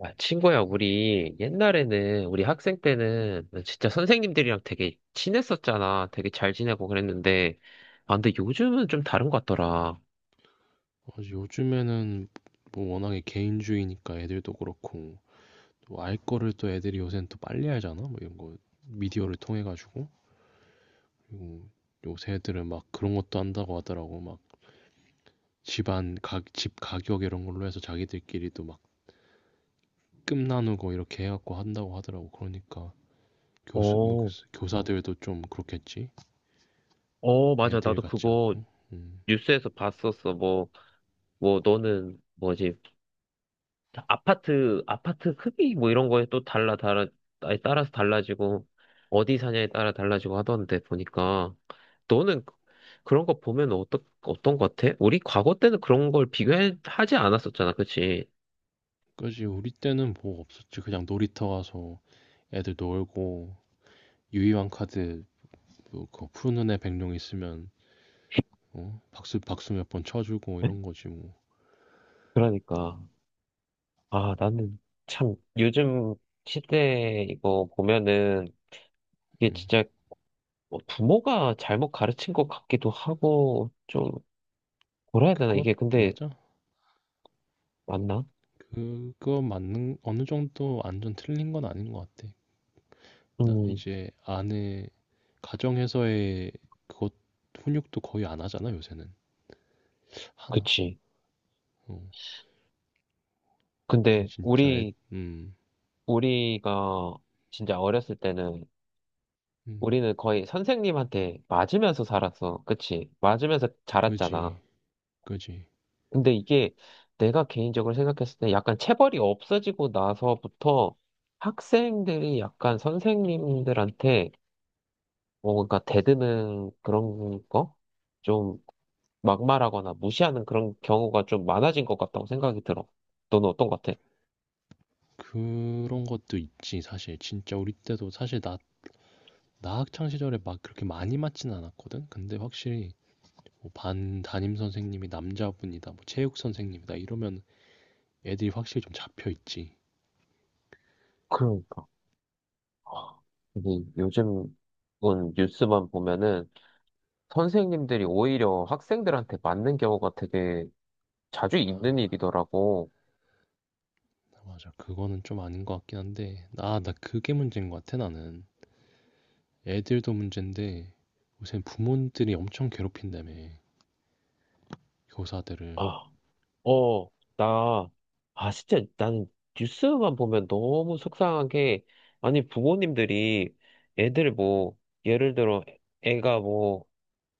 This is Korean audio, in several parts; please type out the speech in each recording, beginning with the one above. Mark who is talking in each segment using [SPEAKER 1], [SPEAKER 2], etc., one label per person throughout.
[SPEAKER 1] 아, 친구야, 우리 옛날에는 우리 학생 때는 진짜 선생님들이랑 되게 친했었잖아. 되게 잘 지내고 그랬는데, 아, 근데 요즘은 좀 다른 것 같더라.
[SPEAKER 2] 맞아, 요즘에는 뭐 워낙에 개인주의니까 애들도 그렇고 또 알 거를 또 애들이 요새는 또 빨리 알잖아 뭐 이런 거 미디어를 통해 가지고. 그리고 요새 애들은 막 그런 것도 한다고 하더라고. 막 집 가격 이런 걸로 해서 자기들끼리도 막 끔 나누고 이렇게 해갖고 한다고 하더라고. 그러니까
[SPEAKER 1] 어,
[SPEAKER 2] 교사들도 좀 그렇겠지.
[SPEAKER 1] 어, 맞아.
[SPEAKER 2] 애들
[SPEAKER 1] 나도
[SPEAKER 2] 같지
[SPEAKER 1] 그거
[SPEAKER 2] 않고. 음.
[SPEAKER 1] 뉴스에서 봤었어. 뭐, 뭐, 너는 뭐지? 다 아파트 크기 뭐 이런 거에 또 달라, 달라, 아니, 따라서 달라지고, 어디 사냐에 따라 달라지고 하던데 보니까, 너는 그- 그런 거 보면 어떤 거 같아? 우리 과거 때는 그런 걸 비교하지 않았었잖아, 그치?
[SPEAKER 2] 그지, 우리 때는 뭐 없었지. 그냥 놀이터 가서 애들 놀고 유희왕 카드 뭐그 푸른 눈에 백룡 있으면 어? 박수 박수 몇 번 쳐주고 이런 거지 뭐.
[SPEAKER 1] 그러니까. 아, 나는 참 요즘 시대 이거 보면은 이게
[SPEAKER 2] 음.
[SPEAKER 1] 진짜 뭐 부모가 잘못 가르친 것 같기도 하고, 좀 뭐라 해야 되나?
[SPEAKER 2] 그것
[SPEAKER 1] 이게 근데
[SPEAKER 2] 맞아.
[SPEAKER 1] 맞나?
[SPEAKER 2] 그거 맞는 어느 정도 완전 틀린 건 아닌 것 같아. 나
[SPEAKER 1] 음,
[SPEAKER 2] 이제 아내 가정에서의 그것 훈육도 거의 안 하잖아 요새는 하나.
[SPEAKER 1] 그치.
[SPEAKER 2] 어, 거의
[SPEAKER 1] 근데
[SPEAKER 2] 진짜 애,
[SPEAKER 1] 우리
[SPEAKER 2] 음,
[SPEAKER 1] 우리가 진짜 어렸을 때는
[SPEAKER 2] 음,
[SPEAKER 1] 우리는 거의 선생님한테 맞으면서 살았어. 그치? 맞으면서 자랐잖아.
[SPEAKER 2] 그지, 그지.
[SPEAKER 1] 근데 이게 내가 개인적으로 생각했을 때, 약간 체벌이 없어지고 나서부터 학생들이 약간 선생님들한테 뭐 뭔가 대드는 그런 거? 좀 막말하거나 무시하는 그런 경우가 좀 많아진 것 같다고 생각이 들어. 너는 어떤 것 같아?
[SPEAKER 2] 그런 것도 있지 사실. 진짜 우리 때도 사실 나 학창 시절에 막 그렇게 많이 맞진 않았거든. 근데 확실히 뭐 반 담임 선생님이 남자분이다, 뭐 체육 선생님이다 이러면 애들이 확실히 좀 잡혀 있지.
[SPEAKER 1] 그러니까. 근데 요즘은 뉴스만 보면은 선생님들이 오히려 학생들한테 맞는 경우가 되게 자주 있는 일이더라고.
[SPEAKER 2] 맞아, 그거는 좀 아닌 것 같긴 한데, 아, 나 그게 문제인 것 같아 나는. 애들도 문제인데 요새 부모들이 엄청 괴롭힌다며 교사들을.
[SPEAKER 1] 아, 어, 나, 아, 진짜, 난 뉴스만 보면 너무 속상한 게, 아니, 부모님들이 애들 뭐, 예를 들어, 애가 뭐,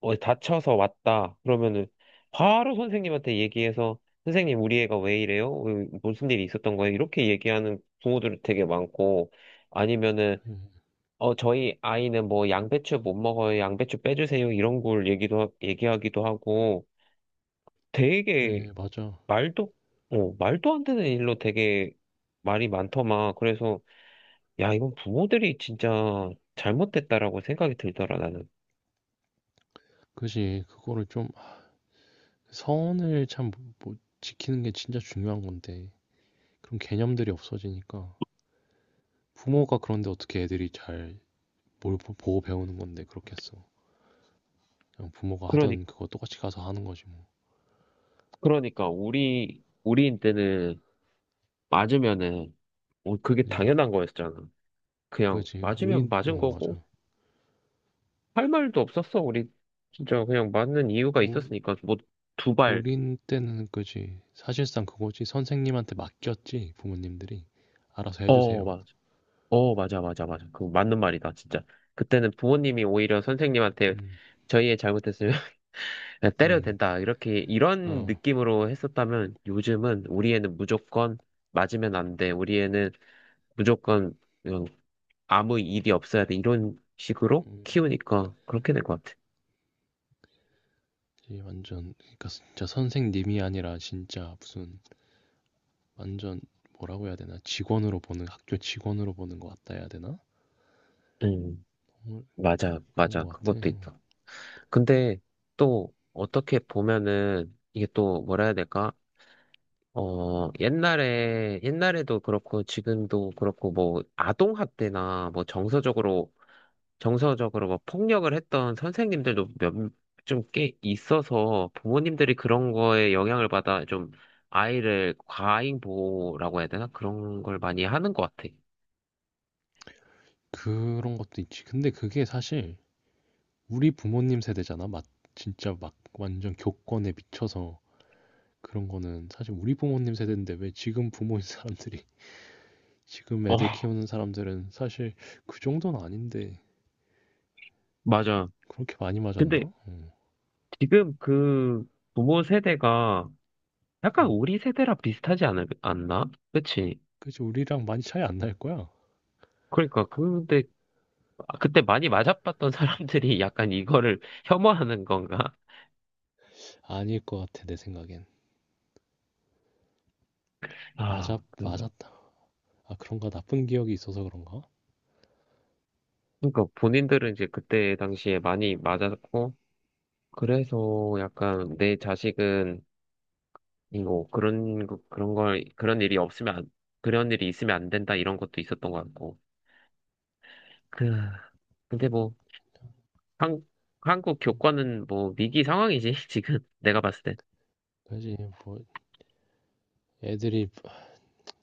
[SPEAKER 1] 어, 다쳐서 왔다. 그러면은 바로 선생님한테 얘기해서, 선생님, 우리 애가 왜 이래요? 왜- 무슨 일이 있었던 거예요? 이렇게 얘기하는 부모들 되게 많고, 아니면은,
[SPEAKER 2] 그래,
[SPEAKER 1] 어, 저희 아이는 뭐 양배추 못 먹어요. 양배추 빼주세요. 이런 걸 얘기도, 얘기하기도 하고 되게
[SPEAKER 2] 그래, 맞아.
[SPEAKER 1] 말도, 어, 말도 안 되는 일로 되게 말이 많더만. 그래서 야, 이건 부모들이 진짜 잘못됐다라고 생각이 들더라, 나는.
[SPEAKER 2] 그지, 그거를 좀 아, 선을 참 뭐 지키는 게 진짜 중요한 건데 그런 개념들이 없어지니까 부모가. 그런데 어떻게 애들이 잘 뭘 보고 배우는 건데 그렇겠어. 그냥 부모가
[SPEAKER 1] 그러니,
[SPEAKER 2] 하던 그거 똑같이 가서 하는 거지 뭐.
[SPEAKER 1] 그러니까 우리 때는 맞으면은 어, 그게
[SPEAKER 2] 그지?
[SPEAKER 1] 당연한 거였잖아. 그냥
[SPEAKER 2] 그지?
[SPEAKER 1] 맞으면
[SPEAKER 2] 우린 어
[SPEAKER 1] 맞은 거고
[SPEAKER 2] 맞아.
[SPEAKER 1] 할 말도 없었어. 우리 진짜 그냥 맞는 이유가
[SPEAKER 2] 우
[SPEAKER 1] 있었으니까 뭐. 두 발,
[SPEAKER 2] 우린 때는 그지. 사실상 그거지. 선생님한테 맡겼지 부모님들이. 알아서
[SPEAKER 1] 어,
[SPEAKER 2] 해주세요.
[SPEAKER 1] 맞. 어, 맞아, 맞아, 맞아. 그 맞는 말이다, 진짜. 그때는 부모님이 오히려 선생님한테
[SPEAKER 2] 음,
[SPEAKER 1] 저희의 잘못했으면 그냥 때려도
[SPEAKER 2] 음,
[SPEAKER 1] 된다, 이렇게, 이런
[SPEAKER 2] 어,
[SPEAKER 1] 느낌으로 했었다면, 요즘은 우리 애는 무조건 맞으면 안 돼. 우리 애는 무조건 그냥 아무 일이 없어야 돼. 이런 식으로 키우니까 그렇게 될 것 같아.
[SPEAKER 2] 이 완전 그러니까 진짜 선생님이 아니라 진짜 무슨 완전 뭐라고 해야 되나 직원으로 보는 학교 직원으로 보는 것 같다 해야 되나?
[SPEAKER 1] 음,
[SPEAKER 2] 정말 그런
[SPEAKER 1] 맞아.
[SPEAKER 2] 것 같아.
[SPEAKER 1] 그것도 있다. 근데 또 어떻게 보면은 이게 또 뭐라 해야 될까? 어, 옛날에도 그렇고, 지금도 그렇고, 뭐, 아동학대나, 뭐, 정서적으로 뭐, 폭력을 했던 선생님들도 몇, 좀 꽤 있어서, 부모님들이 그런 거에 영향을 받아, 좀, 아이를 과잉 보호라고 해야 되나? 그런 걸 많이 하는 것 같아.
[SPEAKER 2] 그런 것도 있지. 근데 그게 사실 우리 부모님 세대잖아. 막 진짜 막 완전 교권에 미쳐서 그런 거는 사실 우리 부모님 세대인데 왜 지금 부모인 사람들이 지금
[SPEAKER 1] 어,
[SPEAKER 2] 애들 키우는 사람들은 사실 그 정도는 아닌데
[SPEAKER 1] 맞아.
[SPEAKER 2] 그렇게 많이 맞았나?
[SPEAKER 1] 근데
[SPEAKER 2] 어,
[SPEAKER 1] 지금 그 부모 세대가 약간
[SPEAKER 2] 음.
[SPEAKER 1] 우리 세대랑 않나? 그치?
[SPEAKER 2] 그치 우리랑 많이 차이 안 날 거야.
[SPEAKER 1] 그러니까, 근데 아, 그때 많이 맞아봤던 사람들이 약간 이거를 혐오하는 건가?
[SPEAKER 2] 아닐 것 같아 내 생각엔. 맞아,
[SPEAKER 1] 아, 그런가.
[SPEAKER 2] 맞았다. 아 그런가. 나쁜 기억이 있어서 그런가?
[SPEAKER 1] 그러니까 본인들은 이제 그때 당시에 많이 맞았고, 그래서 약간 내 자식은 이거 그런, 거- 그런 걸, 그런 일이 없으면 안, 그런 일이 있으면 안 된다, 이런 것도 있었던 것 같고. 그, 근데 뭐, 한, 한국
[SPEAKER 2] 음.
[SPEAKER 1] 교과는 뭐 위기 상황이지, 지금 내가 봤을 때.
[SPEAKER 2] 그지, 뭐 애들이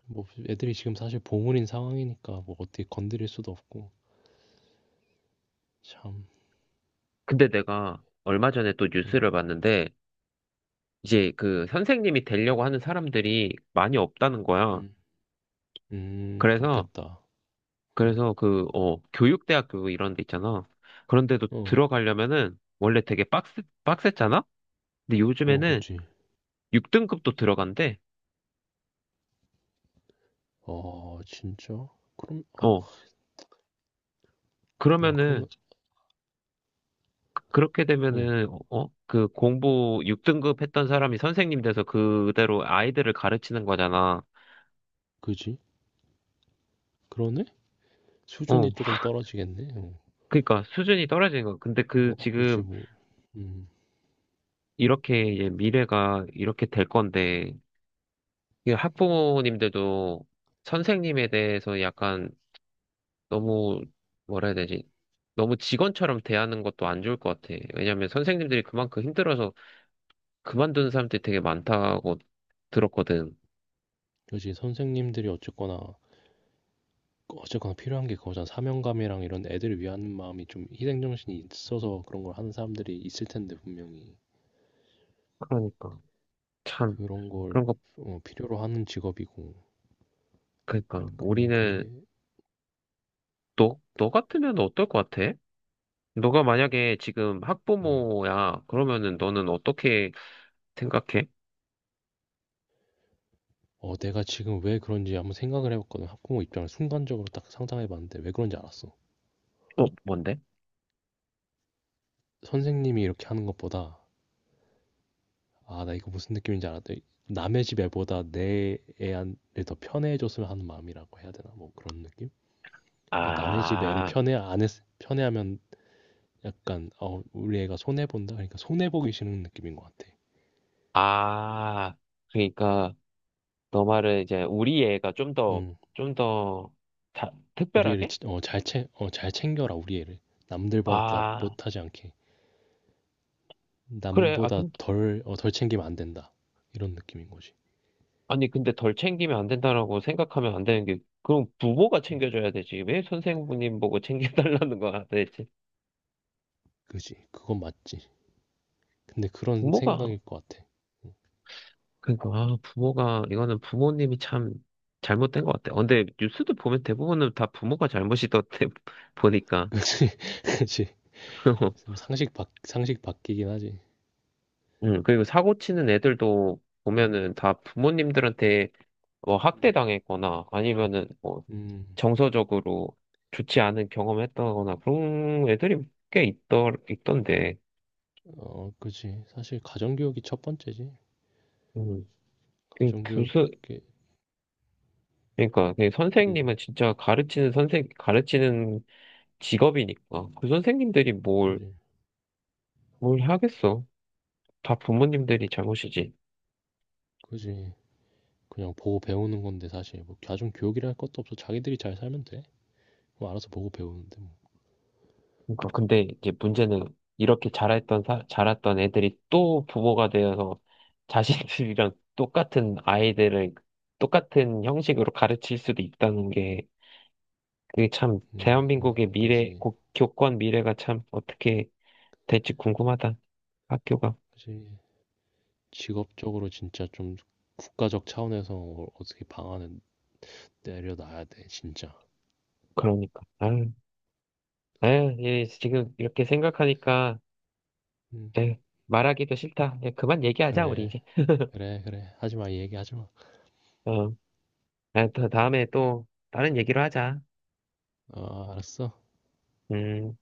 [SPEAKER 2] 뭐 애들이 지금 사실 보물인 상황이니까 뭐 어떻게 건드릴 수도 없고 참.
[SPEAKER 1] 근데 내가 얼마 전에 또
[SPEAKER 2] 음.
[SPEAKER 1] 뉴스를 봤는데, 이제 그 선생님이 되려고 하는 사람들이 많이 없다는 거야.
[SPEAKER 2] 음.
[SPEAKER 1] 그래서,
[SPEAKER 2] 그렇겠다. 어.
[SPEAKER 1] 그래서 그, 어, 교육대학교 이런 데 있잖아. 그런데도
[SPEAKER 2] 어.
[SPEAKER 1] 들어가려면은 원래 되게 빡셌잖아? 근데
[SPEAKER 2] 어,
[SPEAKER 1] 요즘에는
[SPEAKER 2] 그치.
[SPEAKER 1] 6등급도 들어간대.
[SPEAKER 2] 아 진짜? 그럼 아
[SPEAKER 1] 어,
[SPEAKER 2] 야
[SPEAKER 1] 그러면은,
[SPEAKER 2] 그러면
[SPEAKER 1] 그렇게
[SPEAKER 2] 어,
[SPEAKER 1] 되면은, 어, 그 공부 6등급 했던 사람이 선생님 돼서 그대로 아이들을 가르치는 거잖아.
[SPEAKER 2] 그지? 그러네?
[SPEAKER 1] 어,
[SPEAKER 2] 수준이 조금 떨어지겠네. 어.
[SPEAKER 1] 그러니까 수준이 떨어지는 거. 근데 그
[SPEAKER 2] 뭐 그치
[SPEAKER 1] 지금
[SPEAKER 2] 뭐 음
[SPEAKER 1] 이렇게 이제 미래가 이렇게 될 건데, 이 학부모님들도 선생님에 대해서 약간 너무 뭐라 해야 되지? 너무 직원처럼 대하는 것도 안 좋을 것 같아. 왜냐면 선생님들이 그만큼 힘들어서 그만둔 사람들이 되게 많다고 들었거든.
[SPEAKER 2] 그치. 선생님들이 어쨌거나 필요한 게 그거잖아. 사명감이랑 이런 애들을 위하는 마음이 좀 희생 정신이 있어서 그런 걸 하는 사람들이 있을 텐데 분명히.
[SPEAKER 1] 그러니까 참
[SPEAKER 2] 그런 걸
[SPEAKER 1] 그런 거.
[SPEAKER 2] 어 필요로 하는 직업이고.
[SPEAKER 1] 그러니까
[SPEAKER 2] 그러면
[SPEAKER 1] 우리는
[SPEAKER 2] 그게
[SPEAKER 1] 너 같으면 어떨 것 같아? 너가 만약에 지금
[SPEAKER 2] 어.
[SPEAKER 1] 학부모야, 그러면은 너는 어떻게 생각해?
[SPEAKER 2] 어, 내가 지금 왜 그런지 한번 생각을 해봤거든. 학부모 입장을 순간적으로 딱 상상해봤는데 왜 그런지 알았어.
[SPEAKER 1] 어, 뭔데?
[SPEAKER 2] 선생님이 이렇게 하는 것보다 아, 나 이거 무슨 느낌인지 알았다. 남의 집 애보다 내 애한더 편애해줬으면 하는 마음이라고 해야 되나? 뭐 그런 느낌? 그러니까 남의 집 애를
[SPEAKER 1] 아,
[SPEAKER 2] 편애 안 했, 편애하면 약간 어, 우리 애가 손해 본다. 그러니까 손해 보기 싫은 느낌인 것 같아.
[SPEAKER 1] 아, 그러니까 너 말은 이제 우리 애가
[SPEAKER 2] 음,
[SPEAKER 1] 좀 더
[SPEAKER 2] 우리 애를
[SPEAKER 1] 특별하게?
[SPEAKER 2] 잘 챙겨라 우리 애를. 남들보다
[SPEAKER 1] 아,
[SPEAKER 2] 못하지 않게.
[SPEAKER 1] 그래.
[SPEAKER 2] 남보다 덜 챙기면 안 된다. 이런 느낌인 거지.
[SPEAKER 1] 아니, 근데 덜 챙기면 안 된다라고 생각하면 안 되는 게, 그럼 부모가
[SPEAKER 2] 음,
[SPEAKER 1] 챙겨줘야 되지. 왜 선생님 보고 챙겨달라는 거야, 대체.
[SPEAKER 2] 그지. 그건 맞지. 근데 그런
[SPEAKER 1] 부모가,
[SPEAKER 2] 생각일 것 같아.
[SPEAKER 1] 부모가, 이거는 부모님이 참 잘못된 것 같아. 어, 근데 뉴스도 보면 대부분은 다 부모가 잘못이던데, 보니까.
[SPEAKER 2] 그지. 그지. 좀 상식 바뀌긴 하지.
[SPEAKER 1] 응, 그리고 사고 치는 애들도
[SPEAKER 2] 음,
[SPEAKER 1] 보면은 다 부모님들한테 뭐 학대당했거나 아니면은 뭐
[SPEAKER 2] 음,
[SPEAKER 1] 정서적으로 좋지 않은 경험을 했다거나 그런 애들이 있던데.
[SPEAKER 2] 어, 그지. 사실 가정교육이 첫 번째지.
[SPEAKER 1] 음, 그 교수,
[SPEAKER 2] 가정교육에,
[SPEAKER 1] 그러니까 그
[SPEAKER 2] 음,
[SPEAKER 1] 선생님은 진짜 가르치는 직업이니까 그 선생님들이
[SPEAKER 2] 그지.
[SPEAKER 1] 뭘 하겠어. 다 부모님들이 잘못이지.
[SPEAKER 2] 그지. 그냥 보고 배우는 건데 사실 뭐 가정교육이라 할 것도 없어. 자기들이 잘 살면 돼. 뭐 알아서 보고 배우는데 뭐.
[SPEAKER 1] 그러니까 근데 이제 문제는 이렇게 자랐던 애들이 또 부모가 되어서 자신들이랑 똑같은 아이들을 똑같은 형식으로 가르칠 수도 있다는 게, 그게 참 대한민국의
[SPEAKER 2] 그지.
[SPEAKER 1] 교권 미래가 참 어떻게 될지 궁금하다. 학교가.
[SPEAKER 2] 그지. 직업적으로 진짜 좀 국가적 차원에서 어떻게 방안을 내려놔야 돼, 진짜.
[SPEAKER 1] 그러니까. 아유, 예, 지금 이렇게 생각하니까
[SPEAKER 2] 음,
[SPEAKER 1] 예, 말하기도 싫다. 예, 그만 얘기하자, 우리
[SPEAKER 2] 그래.
[SPEAKER 1] 이제.
[SPEAKER 2] 그래, 그래. 하지 마. 이 얘기 하지 마.
[SPEAKER 1] 어, 아, 또 다음에 또 다른 얘기로 하자.
[SPEAKER 2] 어, 알았어.
[SPEAKER 1] 음.